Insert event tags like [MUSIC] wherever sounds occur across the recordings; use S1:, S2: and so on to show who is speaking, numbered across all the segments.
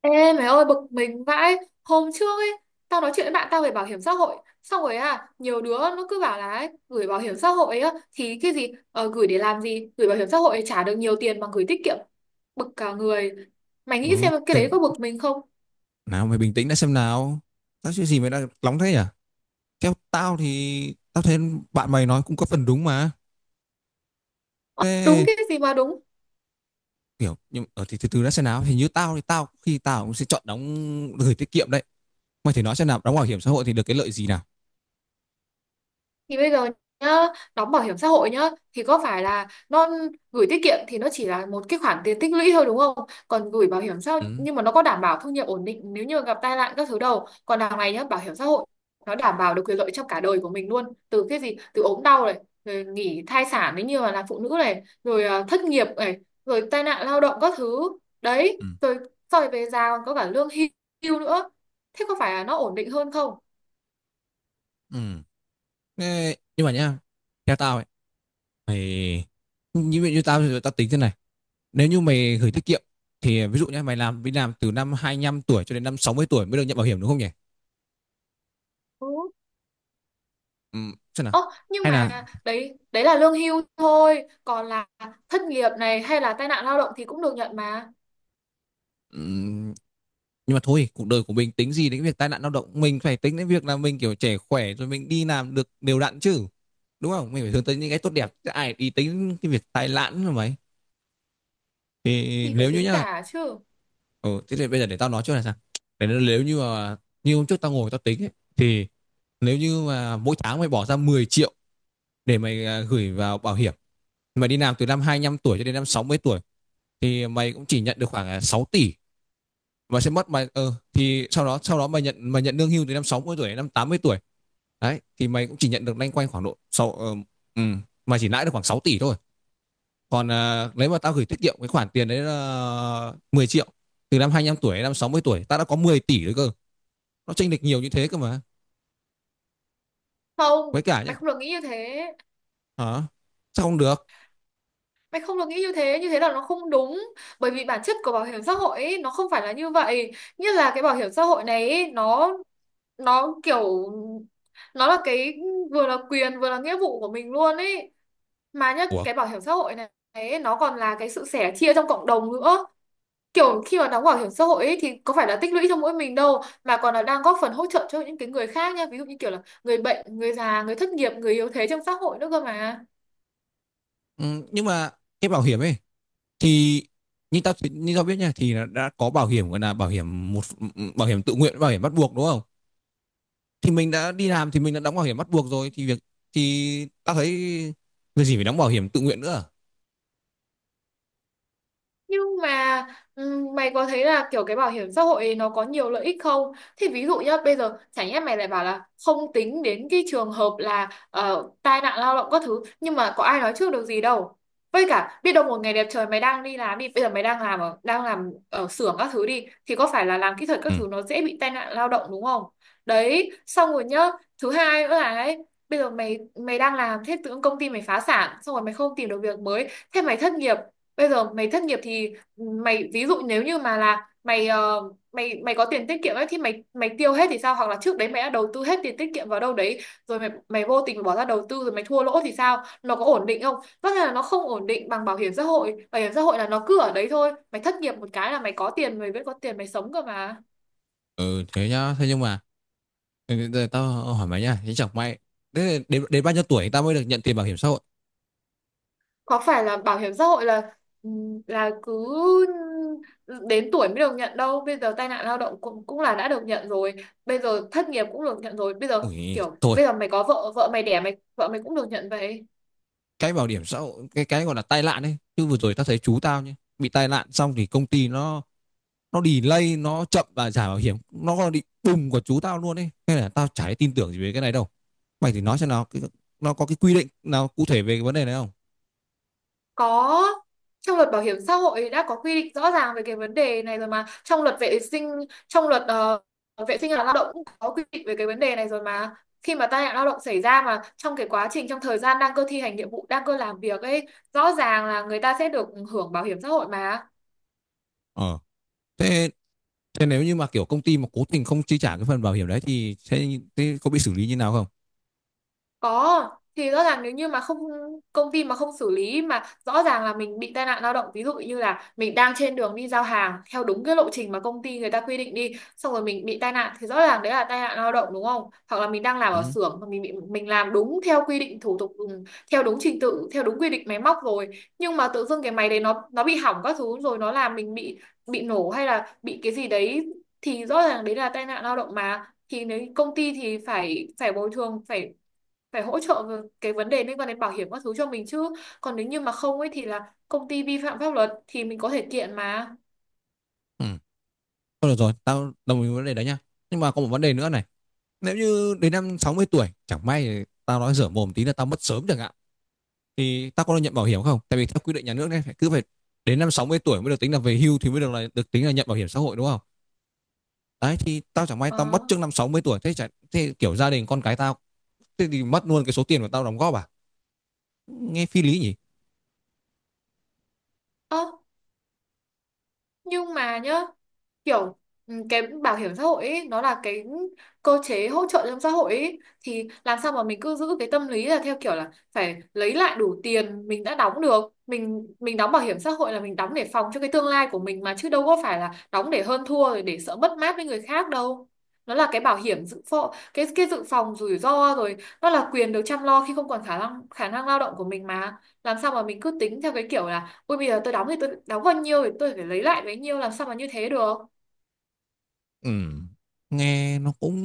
S1: Ê mày ơi, bực mình vãi. Hôm trước ấy, tao nói chuyện với bạn tao về bảo hiểm xã hội. Xong rồi à, nhiều đứa nó cứ bảo là ấy, gửi bảo hiểm xã hội á thì cái gì, gửi để làm gì, gửi bảo hiểm xã hội trả được nhiều tiền bằng gửi tiết kiệm. Bực cả người. Mày nghĩ
S2: Ừ,
S1: xem cái đấy
S2: tiền
S1: có bực mình không?
S2: nào mày bình tĩnh đã xem nào. Tao chuyện gì mày đang nóng thế nhỉ? Theo tao thì tao thấy bạn mày nói cũng có phần đúng mà.
S1: Đúng
S2: Thế
S1: cái gì mà đúng!
S2: kiểu nhưng thì từ từ đã xem nào. Hình như tao thì tao khi tao cũng sẽ chọn đóng gửi tiết kiệm đấy. Mày thì nói xem nào, đóng bảo hiểm xã hội thì được cái lợi gì nào?
S1: Thì bây giờ nhá, đóng bảo hiểm xã hội nhá, thì có phải là nó gửi tiết kiệm thì nó chỉ là một cái khoản tiền tích lũy thôi đúng không? Còn gửi bảo hiểm xã hội
S2: Ừ.
S1: nhưng mà nó có đảm bảo thu nhập ổn định nếu như gặp tai nạn các thứ đâu. Còn đằng này nhá, bảo hiểm xã hội nó đảm bảo được quyền lợi trong cả đời của mình luôn. Từ cái gì? Từ ốm đau này, rồi nghỉ thai sản nếu như mà là phụ nữ này, rồi thất nghiệp này, rồi tai nạn lao động các thứ. Đấy,
S2: Ừ.
S1: rồi sau này về già còn có cả lương hưu nữa. Thế có phải là nó ổn định hơn không?
S2: Ừ. Thế, nhưng mà nhá, theo tao ấy, mày như vậy như tao thì tao tính thế này. Nếu như mày gửi tiết kiệm thì ví dụ nhá, mày làm đi làm từ năm 25 tuổi cho đến năm 60 tuổi mới được nhận bảo hiểm đúng không nhỉ?
S1: Ừ.
S2: Ừ, xem nào
S1: Ơ, nhưng
S2: hay là.
S1: mà đấy đấy là lương hưu thôi, còn là thất nghiệp này hay là tai nạn lao động thì cũng được nhận mà,
S2: Ừm, nhưng mà thôi cuộc đời của mình tính gì đến việc tai nạn lao động, mình phải tính đến việc là mình kiểu trẻ khỏe rồi mình đi làm được đều đặn chứ, đúng không, mình phải hướng tới những cái tốt đẹp chứ ai đi tính cái việc tai nạn rồi mấy, thì
S1: thì phải
S2: nếu như
S1: tính
S2: nhá.
S1: cả chứ.
S2: Ừ, thế thì bây giờ để tao nói trước là sao nếu như mà như hôm trước tao ngồi tao tính ấy, thì nếu như mà mỗi tháng mày bỏ ra 10 triệu để mày gửi vào bảo hiểm, mày đi làm từ năm 25 tuổi cho đến năm 60 tuổi thì mày cũng chỉ nhận được khoảng 6 tỷ, mà sẽ mất mày thì sau đó mày nhận lương hưu từ năm 60 tuổi đến năm 80 tuổi, đấy thì mày cũng chỉ nhận được loanh quanh khoảng độ sau ừ, mày chỉ lãi được khoảng 6 tỷ thôi. Còn nếu mà tao gửi tiết kiệm cái khoản tiền đấy là 10 triệu từ năm 25 tuổi đến năm 60 tuổi tao đã có 10 tỷ rồi cơ, nó chênh lệch nhiều như thế cơ mà.
S1: Không,
S2: Với cả
S1: mày
S2: nhá,
S1: không được nghĩ như thế.
S2: hả, sao không được.
S1: Mày không được nghĩ như thế là nó không đúng. Bởi vì bản chất của bảo hiểm xã hội ấy, nó không phải là như vậy. Như là cái bảo hiểm xã hội này ấy, nó kiểu nó là cái vừa là quyền vừa là nghĩa vụ của mình luôn ấy. Mà nhất
S2: Ủa.
S1: cái bảo hiểm xã hội này ấy, nó còn là cái sự sẻ chia trong cộng đồng nữa. Kiểu khi mà đóng bảo hiểm xã hội ấy, thì có phải là tích lũy cho mỗi mình đâu, mà còn là đang góp phần hỗ trợ cho những cái người khác nha, ví dụ như kiểu là người bệnh, người già, người thất nghiệp, người yếu thế trong xã hội nữa cơ mà.
S2: Ừ, nhưng mà cái bảo hiểm ấy thì như tao biết nha thì đã có bảo hiểm gọi là bảo hiểm một, bảo hiểm tự nguyện, bảo hiểm bắt buộc đúng không, thì mình đã đi làm thì mình đã đóng bảo hiểm bắt buộc rồi thì việc thì ta thấy việc gì phải đóng bảo hiểm tự nguyện nữa à?
S1: Nhưng mà mày có thấy là kiểu cái bảo hiểm xã hội ấy nó có nhiều lợi ích không? Thì ví dụ nhá, bây giờ chẳng nhẽ mày lại bảo là không tính đến cái trường hợp là tai nạn lao động các thứ, nhưng mà có ai nói trước được gì đâu. Với cả biết đâu một ngày đẹp trời mày đang đi làm đi, bây giờ mày đang làm ở xưởng các thứ đi thì có phải là làm kỹ thuật
S2: Ừ.
S1: các thứ nó dễ bị tai nạn lao động đúng không? Đấy, xong rồi nhá, thứ hai nữa là đấy, bây giờ mày mày đang làm thế tự dưng công ty mày phá sản, xong rồi mày không tìm được việc mới, thế mày thất nghiệp. Bây giờ mày thất nghiệp thì mày ví dụ nếu như mà là mày ờ, mày mày có tiền tiết kiệm ấy thì mày mày tiêu hết thì sao, hoặc là trước đấy mày đã đầu tư hết tiền tiết kiệm vào đâu đấy, rồi mày mày vô tình bỏ ra đầu tư rồi mày thua lỗ thì sao, nó có ổn định không? Tất nhiên là nó không ổn định bằng bảo hiểm xã hội. Bảo hiểm xã hội là nó cứ ở đấy thôi, mày thất nghiệp một cái là mày có tiền, mày vẫn có tiền mày sống cơ mà.
S2: Ừ thế nhá, thế nhưng mà ừ, giờ tao hỏi mày nhá, thế chẳng may, thế đến bao nhiêu tuổi ta mới được nhận tiền bảo hiểm xã hội.
S1: Có phải là bảo hiểm xã hội là ừ, là cứ đến tuổi mới được nhận đâu, bây giờ tai nạn lao động cũng cũng là đã được nhận rồi, bây giờ thất nghiệp cũng được nhận rồi, bây giờ
S2: Ui
S1: kiểu
S2: thôi,
S1: bây giờ mày có vợ, vợ mày đẻ mày, vợ mày cũng được nhận vậy.
S2: cái bảo hiểm xã hội, cái gọi là tai nạn ấy chứ, vừa rồi tao thấy chú tao nhá bị tai nạn xong thì công ty nó delay, nó chậm và trả bảo hiểm, nó còn bị bùng của chú tao luôn ấy, nên là tao chả tin tưởng gì về cái này đâu. Mày thì nói xem nào cái, nó có cái quy định nào cụ thể về cái vấn đề này không.
S1: Có, trong luật bảo hiểm xã hội đã có quy định rõ ràng về cái vấn đề này rồi mà. Trong luật vệ sinh, trong luật vệ sinh và lao động cũng có quy định về cái vấn đề này rồi mà. Khi mà tai nạn lao động xảy ra mà trong cái quá trình, trong thời gian đang cơ thi hành nhiệm vụ, đang cơ làm việc ấy, rõ ràng là người ta sẽ được hưởng bảo hiểm xã hội mà.
S2: Ờ thế Thế nếu như mà kiểu công ty mà cố tình không chi trả cái phần bảo hiểm đấy thì thế có bị xử lý như nào không.
S1: Có, thì rõ ràng nếu như mà không, công ty mà không xử lý mà rõ ràng là mình bị tai nạn lao động, ví dụ như là mình đang trên đường đi giao hàng theo đúng cái lộ trình mà công ty người ta quy định đi, xong rồi mình bị tai nạn thì rõ ràng đấy là tai nạn lao động đúng không? Hoặc là mình đang làm ở
S2: Ừ.
S1: xưởng mà mình bị, mình làm đúng theo quy định thủ tục, theo đúng trình tự, theo đúng quy định máy móc rồi, nhưng mà tự dưng cái máy đấy nó bị hỏng các thứ, rồi nó làm mình bị nổ hay là bị cái gì đấy, thì rõ ràng đấy là tai nạn lao động mà, thì nếu công ty thì phải phải bồi thường, phải phải hỗ trợ về cái vấn đề liên quan đến bảo hiểm các thứ cho mình chứ. Còn nếu như mà không ấy thì là công ty vi phạm pháp luật, thì mình có thể kiện mà.
S2: Ừ. Thôi được rồi, tao đồng ý với vấn đề đấy nhá, nhưng mà có một vấn đề nữa này: nếu như đến năm 60 tuổi chẳng may tao nói dở mồm tí là tao mất sớm chẳng hạn, thì tao có được nhận bảo hiểm không? Tại vì theo quy định nhà nước này, phải cứ phải đến năm 60 tuổi mới được tính là về hưu thì mới được, là được tính là nhận bảo hiểm xã hội đúng không. Đấy thì tao chẳng may tao
S1: Ờ.
S2: mất trước năm 60 tuổi, thế chả, thế kiểu gia đình con cái tao, thế thì mất luôn cái số tiền mà tao đóng góp à? Nghe phi lý nhỉ.
S1: Ơ, nhưng mà nhá, kiểu cái bảo hiểm xã hội ấy, nó là cái cơ chế hỗ trợ trong xã hội ấy, thì làm sao mà mình cứ giữ cái tâm lý là theo kiểu là phải lấy lại đủ tiền mình đã đóng được. Mình đóng bảo hiểm xã hội là mình đóng để phòng cho cái tương lai của mình mà, chứ đâu có phải là đóng để hơn thua rồi để sợ mất mát với người khác đâu. Nó là cái bảo hiểm dự phòng, cái dự phòng rủi ro rồi, nó là quyền được chăm lo khi không còn khả năng lao động của mình mà. Làm sao mà mình cứ tính theo cái kiểu là ui bây giờ tôi đóng thì tôi đóng bao nhiêu thì tôi phải lấy lại bấy nhiêu, làm sao mà như thế được?
S2: Ừ, nghe nó cũng,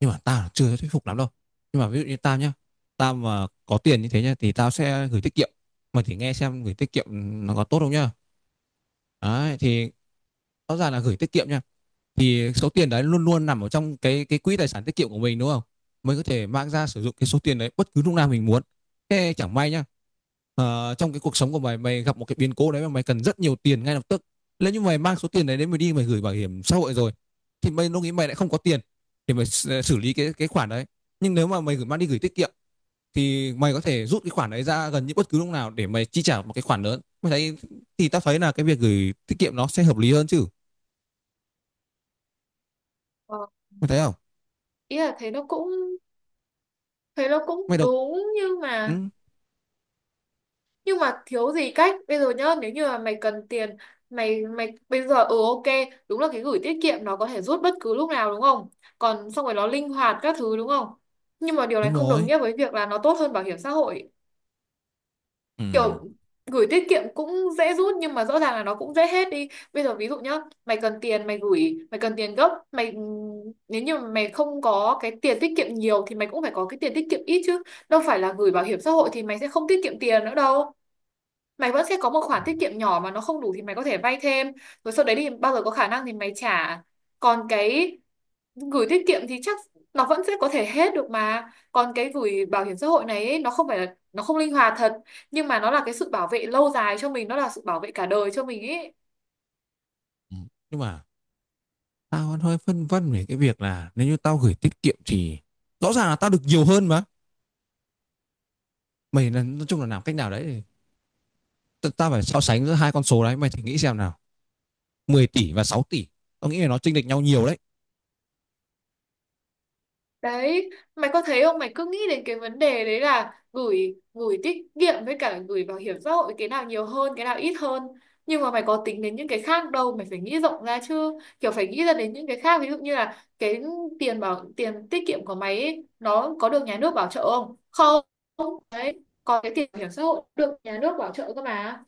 S2: nhưng mà tao chưa thuyết phục lắm đâu. Nhưng mà ví dụ như tao nhá, tao mà có tiền như thế nhá thì tao sẽ gửi tiết kiệm. Mày thử nghe xem gửi tiết kiệm nó có tốt không nhá. Đấy thì rõ ràng là gửi tiết kiệm nhá, thì số tiền đấy luôn luôn nằm ở trong cái quỹ tài sản tiết kiệm của mình đúng không? Mình có thể mang ra sử dụng cái số tiền đấy bất cứ lúc nào mình muốn. Thế chẳng may nhá, trong cái cuộc sống của mày mày gặp một cái biến cố đấy mà mày cần rất nhiều tiền ngay lập tức. Nếu như mày mang số tiền đấy đến mày đi mày gửi bảo hiểm xã hội rồi thì mày lúc nghĩ mày lại không có tiền để mày xử xử lý cái khoản đấy. Nhưng nếu mà mày gửi mang đi gửi tiết kiệm thì mày có thể rút cái khoản đấy ra gần như bất cứ lúc nào để mày chi trả một cái khoản lớn. Mày thấy, thì tao thấy là cái việc gửi tiết kiệm nó sẽ hợp lý hơn chứ.
S1: ờ,
S2: Mày thấy không?
S1: Ý là thế nó cũng, thế nó cũng
S2: Mày đọc.
S1: đúng,
S2: Ừ,
S1: nhưng mà thiếu gì cách. Bây giờ nhá, nếu như mà mày cần tiền, mày mày bây giờ ừ ok, đúng là cái gửi tiết kiệm nó có thể rút bất cứ lúc nào đúng không, còn xong rồi nó linh hoạt các thứ đúng không, nhưng mà điều này
S2: đúng
S1: không đồng
S2: rồi.
S1: nghĩa với việc là nó tốt hơn bảo hiểm xã hội.
S2: Ừ.
S1: Kiểu gửi tiết kiệm cũng dễ rút, nhưng mà rõ ràng là nó cũng dễ hết đi. Bây giờ ví dụ nhá, mày cần tiền, mày gửi, mày cần tiền gấp, mày nếu như mà mày không có cái tiền tiết kiệm nhiều thì mày cũng phải có cái tiền tiết kiệm ít chứ, đâu phải là gửi bảo hiểm xã hội thì mày sẽ không tiết kiệm tiền nữa đâu. Mày vẫn sẽ có một khoản tiết kiệm nhỏ, mà nó không đủ thì mày có thể vay thêm, rồi sau đấy thì bao giờ có khả năng thì mày trả. Còn cái gửi tiết kiệm thì chắc nó vẫn sẽ có thể hết được mà, còn cái gửi bảo hiểm xã hội này ấy, nó không phải là, nó không linh hoạt thật, nhưng mà nó là cái sự bảo vệ lâu dài cho mình, nó là sự bảo vệ cả đời cho mình ấy.
S2: Ừ, nhưng mà tao vẫn hơi phân vân về cái việc là nếu như tao gửi tiết kiệm thì rõ ràng là tao được nhiều hơn mà. Mày là nói chung là làm cách nào đấy thì tao phải so sánh giữa hai con số đấy, mày thử nghĩ xem nào: 10 tỷ và 6 tỷ, tao nghĩ là nó chênh lệch nhau nhiều đấy.
S1: Đấy, mày có thấy không, mày cứ nghĩ đến cái vấn đề đấy là gửi gửi tiết kiệm với cả gửi bảo hiểm xã hội cái nào nhiều hơn cái nào ít hơn, nhưng mà mày có tính đến những cái khác đâu. Mày phải nghĩ rộng ra chứ, kiểu phải nghĩ ra đến những cái khác, ví dụ như là cái tiền tiết kiệm của mày ấy, nó có được nhà nước bảo trợ không? Không. Còn cái tiền bảo hiểm xã hội được nhà nước bảo trợ cơ mà.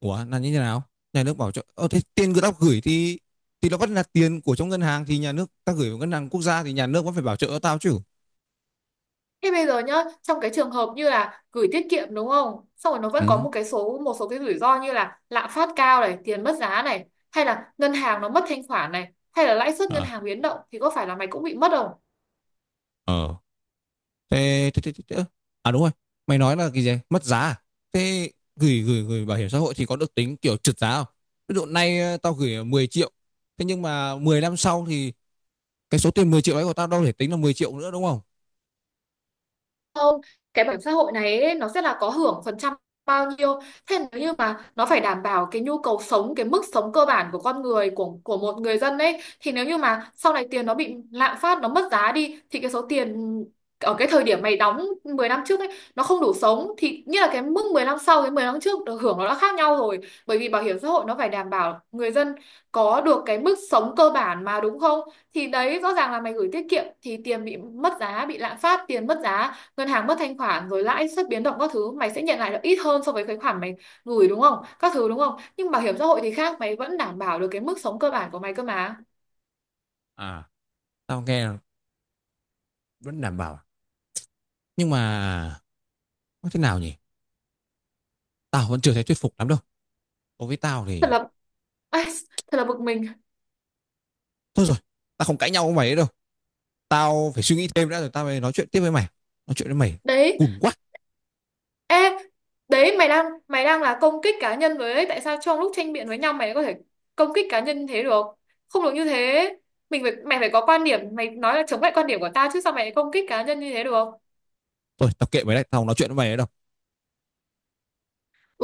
S2: Ủa là như thế nào? Nhà nước bảo cho thế tiền của tao gửi thì nó vẫn là tiền của trong ngân hàng, thì nhà nước, tao gửi vào ngân hàng quốc gia thì nhà nước vẫn phải bảo trợ tao chứ.
S1: Thế bây giờ nhá, trong cái trường hợp như là gửi tiết kiệm đúng không, xong rồi nó vẫn có
S2: Ừ.
S1: một số cái rủi ro như là lạm phát cao này, tiền mất giá này, hay là ngân hàng nó mất thanh khoản này, hay là lãi suất ngân
S2: À,
S1: hàng biến động, thì có phải là mày cũng bị mất không?
S2: ờ. Thế, thế, thế, thế, thế. À đúng rồi, mày nói là cái gì? Mất giá à? Thế gửi gửi gửi bảo hiểm xã hội thì có được tính kiểu trượt giá không? Ví dụ nay tao gửi 10 triệu, thế nhưng mà 10 năm sau thì cái số tiền 10 triệu ấy của tao đâu thể tính là 10 triệu nữa đúng không?
S1: Không, cái bảo hiểm xã hội này ấy, nó sẽ là có hưởng phần trăm bao nhiêu, thế nếu như mà nó phải đảm bảo cái nhu cầu sống, cái mức sống cơ bản của con người, của một người dân ấy, thì nếu như mà sau này tiền nó bị lạm phát, nó mất giá đi, thì cái số tiền ở cái thời điểm mày đóng 10 năm trước ấy nó không đủ sống, thì như là cái mức 10 năm sau, cái 10 năm trước được hưởng nó đã khác nhau rồi. Bởi vì bảo hiểm xã hội nó phải đảm bảo người dân có được cái mức sống cơ bản mà đúng không. Thì đấy, rõ ràng là mày gửi tiết kiệm thì tiền bị mất giá, bị lạm phát, tiền mất giá, ngân hàng mất thanh khoản, rồi lãi suất biến động các thứ, mày sẽ nhận lại được ít hơn so với cái khoản mày gửi đúng không, các thứ đúng không. Nhưng bảo hiểm xã hội thì khác, mày vẫn đảm bảo được cái mức sống cơ bản của mày cơ mà.
S2: À, tao nghe là vẫn đảm bảo. Nhưng mà nói thế nào nhỉ? Tao vẫn chưa thấy thuyết phục lắm đâu. Đối với tao
S1: Thật
S2: thì,
S1: là [LAUGHS] ai, thật là bực mình.
S2: thôi rồi, tao không cãi nhau với mày nữa đâu. Tao phải suy nghĩ thêm đã rồi tao mới nói chuyện tiếp với mày. Nói chuyện với mày
S1: Đấy,
S2: cùn quá.
S1: ê, đấy mày đang, mày đang công kích cá nhân với đấy. Tại sao trong lúc tranh biện với nhau mày có thể công kích cá nhân thế được, không được như thế. Mình phải Mày phải có quan điểm, mày nói là chống lại quan điểm của tao chứ, sao mày công kích cá nhân như thế được?
S2: Thôi, tao kệ mày đấy, tao không nói chuyện với mày nữa đâu.
S1: Ừ.